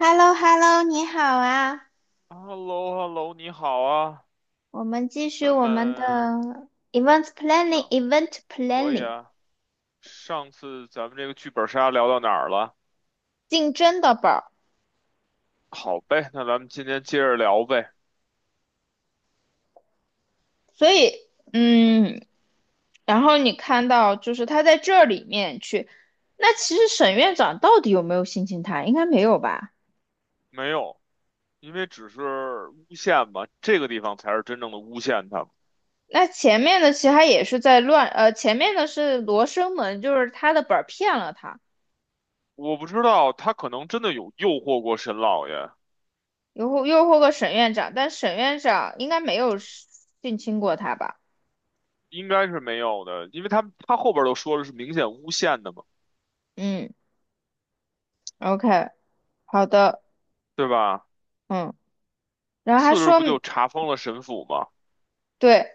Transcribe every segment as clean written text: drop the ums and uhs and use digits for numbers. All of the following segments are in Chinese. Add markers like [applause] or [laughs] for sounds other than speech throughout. h e l l o h e l l o 你好啊！h e l l o h e l l o 你好啊，我们继续咱我们们的 event planning 上 event 可以 planning 啊。上次咱们这个剧本杀聊到哪儿了？竞争的本儿。好呗，那咱们今天接着聊呗。所以，嗯，然后你看到就是他在这里面去，那其实沈院长到底有没有性侵他？应该没有吧？没有，因为只是诬陷嘛，这个地方才是真正的诬陷他们。那前面的其实他也是在乱，前面的是罗生门，就是他的本儿骗了他，我不知道他可能真的有诱惑过沈老爷，诱惑诱惑个沈院长，但沈院长应该没有性侵过他吧？应该是没有的，因为他后边都说了是明显诬陷的嘛，嗯，OK，好的。对吧？嗯，然后还次日说，不就查封了沈府吗？对，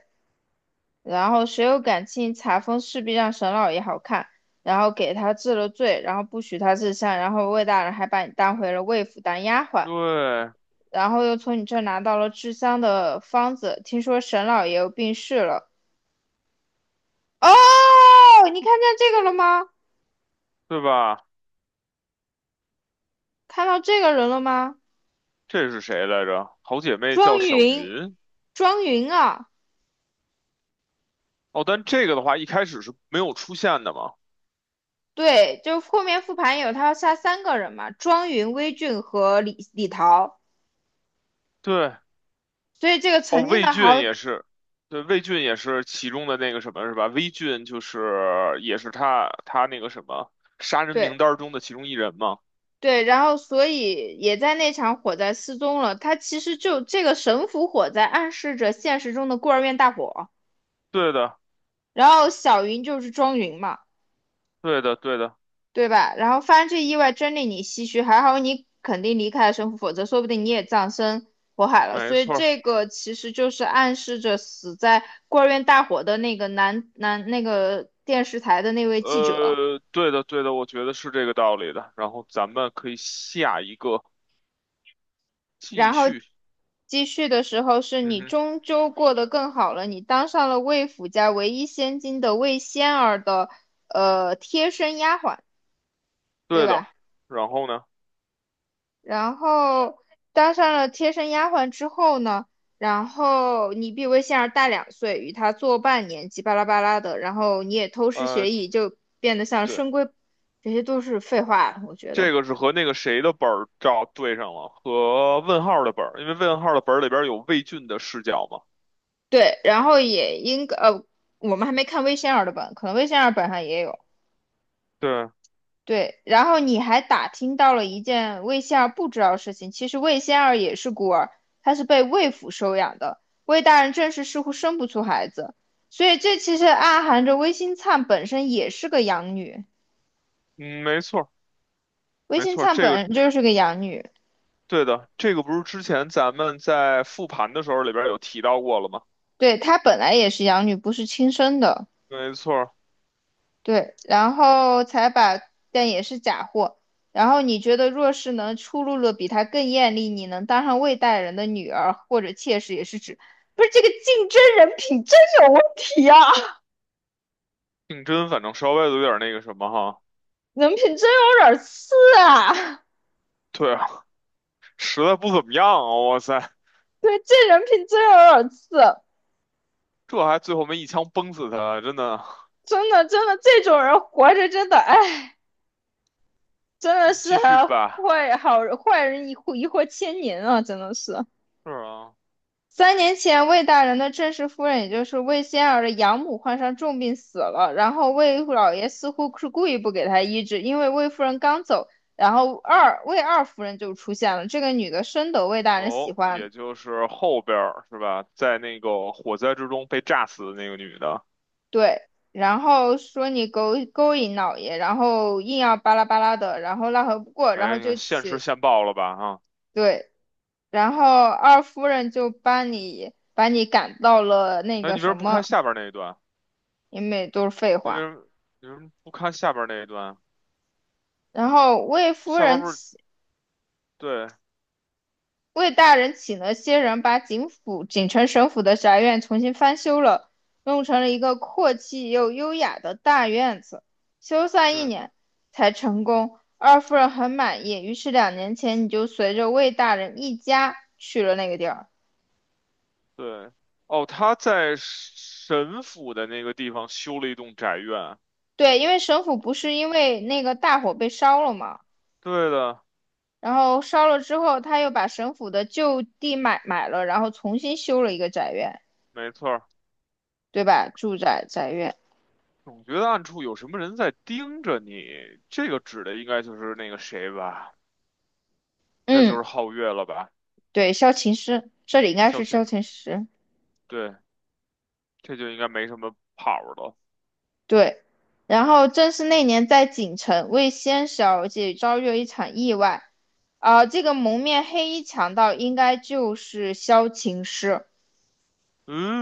然后谁有感情，查封势必让沈老爷好看，然后给他治了罪，然后不许他治香，然后魏大人还把你当回了魏府当丫鬟，对，然后又从你这儿拿到了治香的方子，听说沈老爷又病逝了。哦，你看见这个了吗？对吧？看到这个人了吗？这是谁来着？好姐妹庄叫小云，云。庄云啊，哦，但这个的话一开始是没有出现的嘛？对，就后面复盘有他要杀3个人嘛，庄云、微俊和李桃。对，所以这个哦，曾经魏的俊好也是，对，魏俊也是其中的那个什么是吧？魏俊就是也是他那个什么杀人对名单中的其中一人嘛？对，然后所以也在那场火灾失踪了。他其实就这个神府火灾暗示着现实中的孤儿院大火，对的，然后小云就是庄云嘛，对的，对的，对吧？然后发生这意外真令你唏嘘，还好你肯定离开了神府，否则说不定你也葬身火海了。没所以错儿。这个其实就是暗示着死在孤儿院大火的那个男那个电视台的那位记者。对的，对的，我觉得是这个道理的。然后咱们可以下一个继然后续，继续的时候，是嗯你哼，终究过得更好了，你当上了魏府家唯一千金的魏仙儿的贴身丫鬟，对对的。吧？然后呢？然后当上了贴身丫鬟之后呢，然后你比魏仙儿大2岁，与她做伴年纪巴拉巴拉的，然后你也偷师呃。学艺，就变得像对。深闺，这些都是废话，我觉得。这个是和那个谁的本儿照对上了，和问号的本儿，因为问号的本儿里边有魏俊的视角嘛。对，然后也应该，我们还没看魏仙儿的本，可能魏仙儿本上也有。对，对，然后你还打听到了一件魏仙儿不知道的事情。其实魏仙儿也是孤儿，她是被魏府收养的。魏大人正是似乎生不出孩子，所以这其实暗含着魏新灿本身也是个养女。嗯，没错。魏没新错，灿这本个人就是个养女，对的，这个不是之前咱们在复盘的时候里边有提到过了吗？对，她本来也是养女，不是亲生的。没错儿，对，然后才把，但也是假货。然后你觉得若是能出露了比他更艳丽，你能当上魏大人的女儿或者妾室，也是指，不是这个竞争人品真有问题啊，竞争反正稍微有点那个什么哈，人品真有点次啊，对啊，实在不怎么样啊，哇塞，对，这人品真有点次，这还最后没一枪崩死他，真的。真的真的这种人活着真的，哎，真我的们是继续还吧，坏好坏人一祸一祸千年啊，真的是。是啊，3年前，魏大人的正式夫人，也就是魏仙儿的养母，患上重病死了。然后魏老爷似乎是故意不给她医治，因为魏夫人刚走，然后二夫人就出现了。这个女的深得魏大人喜哦，欢，也就是后边儿是吧，在那个火灾之中被炸死的那个女的。对，然后说你勾引老爷，然后硬要巴拉巴拉的，然后奈何不过，然哎，后你就看现吃起现爆了吧啊？对，然后二夫人就把你赶到了那哎，个你为什么什不看么，下边那一段？因为都是废你为话。什么你为什么不看下边那一段？然后下边不是对。魏大人请了些人把警府锦城省府的宅院重新翻修了，弄成了一个阔气又优雅的大院子。修缮一对年才成功，二夫人很满意，于是2年前你就随着魏大人一家去了那个地儿。对哦，他在神府的那个地方修了一栋宅院啊。对，因为省府不是因为那个大火被烧了嘛，对的，然后烧了之后，他又把省府的旧地买了，然后重新修了一个宅院，没错儿。对吧？住宅宅院，总觉得暗处有什么人在盯着你，这个指的应该就是那个谁吧？应该就嗯。是皓月了吧？对，萧琴师，这里应该萧是萧晴，琴师。对，这就应该没什么跑儿了。对，然后正是那年在锦城，魏仙小姐遭遇了一场意外。啊，这个蒙面黑衣强盗应该就是萧琴师，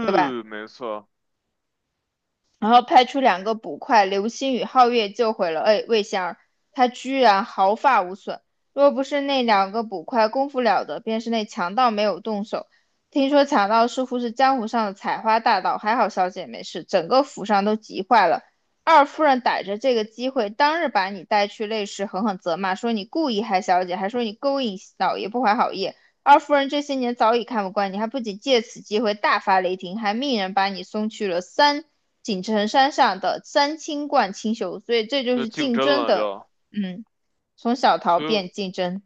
对吧？没错，然后派出两个捕快流星与皓月救回了魏仙儿，他居然毫发无损。若不是那两个捕快功夫了得，便是那强盗没有动手。听说强盗似乎是江湖上的采花大盗，还好小姐没事，整个府上都急坏了。二夫人逮着这个机会，当日把你带去内室，狠狠责骂，说你故意害小姐，还说你勾引老爷不怀好意。二夫人这些年早已看不惯你，还不仅借此机会大发雷霆，还命人把你送去了锦城山上的三清观清修。所以这就就是竞竞争争了的，就，嗯，从小逃所以。变竞争，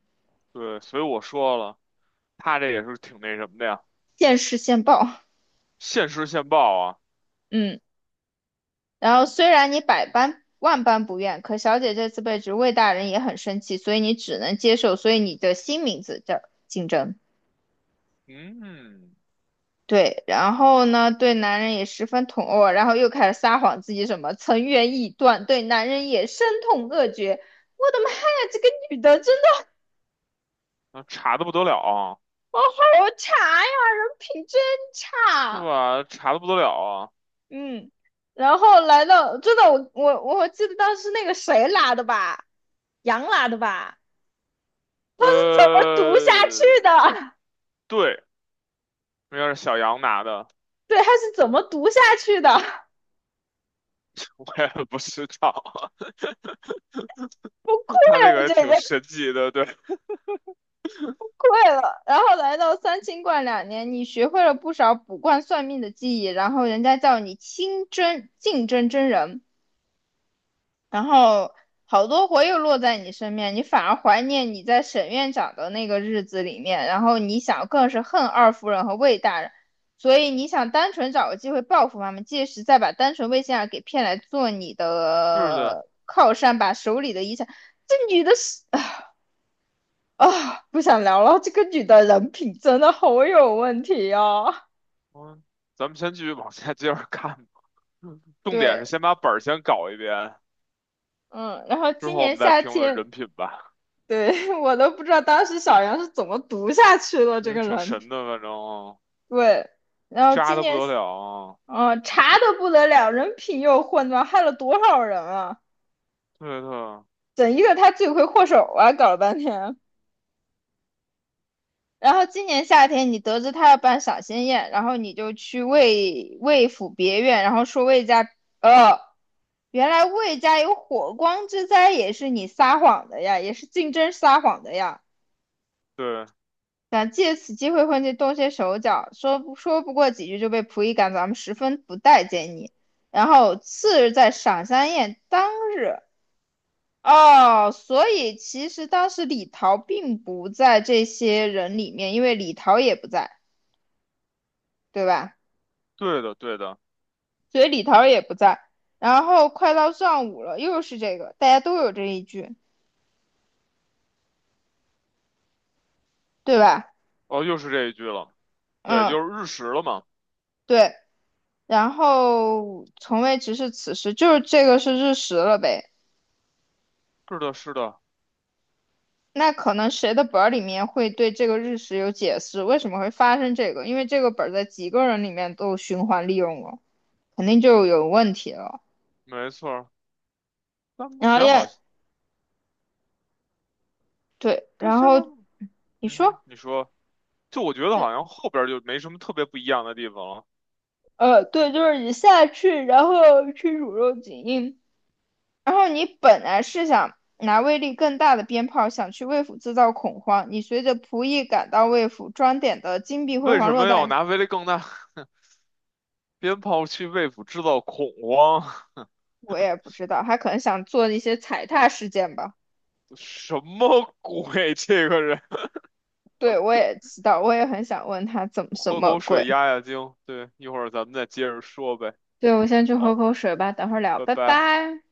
对，所以我说了，他这也是挺那什么的呀，现世现报，现实现报啊，嗯。然后虽然你百般万般不愿，可小姐这次被职魏大人也很生气，所以你只能接受，所以你的新名字叫竞争。嗯，对，然后呢，对男人也十分痛恶，然后又开始撒谎自己什么曾愿意断，对男人也深痛恶绝。我的妈呀，这个女的真的那查的不得了啊，好好哦差呀，人品真是差。吧？查的不得了啊，嗯，然后来到，真的，我记得当时那个谁拉的吧，杨拉的吧，他是怎么读下呃，去的？对，应该是小杨拿的，[laughs] 对，他是怎么读下去的？[laughs] [laughs] 我也不知道，不愧 [laughs] 他这个也挺神奇的，对，会了，然后来到三清观两年，你学会了不少卜卦算命的技艺，然后人家叫你清真净真真人，然后好多活又落在你身边，你反而怀念你在沈院长的那个日子里面，然后你想更是恨二夫人和魏大人，所以你想单纯找个机会报复他们，届时再把单纯魏先生给骗来做你是的，的靠山，把手里的遗产，这女的是。啊，不想聊了。这个女的人品真的好有问题哦。嗯，咱们先继续往下接着看吧，重点是对，先把本儿先搞一遍，嗯，然后之今后我年们再夏评论天，人品吧，对，[laughs] 我都不知道当时小杨是怎么读下去的因这为个挺人品。神的，反正对，然后渣今的不年，得了啊，嗯，查的不得了，人品又混乱，害了多少人啊！对对。整一个他罪魁祸首啊，搞了半天。然后今年夏天，你得知他要办赏仙宴，然后你就去魏府别院，然后说魏家，呃，原来魏家有火光之灾，也是你撒谎的呀，也是竞争撒谎的呀，对，想借此机会混进动些手脚，说不过几句就被仆役赶走，咱们十分不待见你。然后次日在赏仙宴当日，哦，所以其实当时李桃并不在这些人里面，因为李桃也不在，对吧？对的，对的，所以李桃也不在。然后快到上午了，又是这个，大家都有这一句，对吧？哦，又是这一句了，对，嗯，就是日食了嘛。对。然后从未直视此时，就是这个是日食了呗。是的，是的，那可能谁的本儿里面会对这个日食有解释，为什么会发生这个？因为这个本儿在几个人里面都循环利用了，肯定就有问题了。没错儿。但目然后前好要像，对，但然现在，后你嗯哼，说，你说，就我觉得对，好像后边儿就没什么特别不一样的地方了。对，就是你下去，然后去卤肉锦印，然后你本来是想拿威力更大的鞭炮，想去魏府制造恐慌。你随着仆役赶到魏府，装点的金碧辉为煌什落么要袋，拿威力更大鞭炮去为府制造恐慌？我也不知道，他可能想做一些踩踏事件吧。[laughs] 什么鬼？[laughs] 这个人，对，我也知道，我也很想问他怎么我什喝么口鬼。水压压惊。对，一会儿咱们再接着说呗。对，我先去喝好，口水吧，等会儿聊，拜拜拜。拜。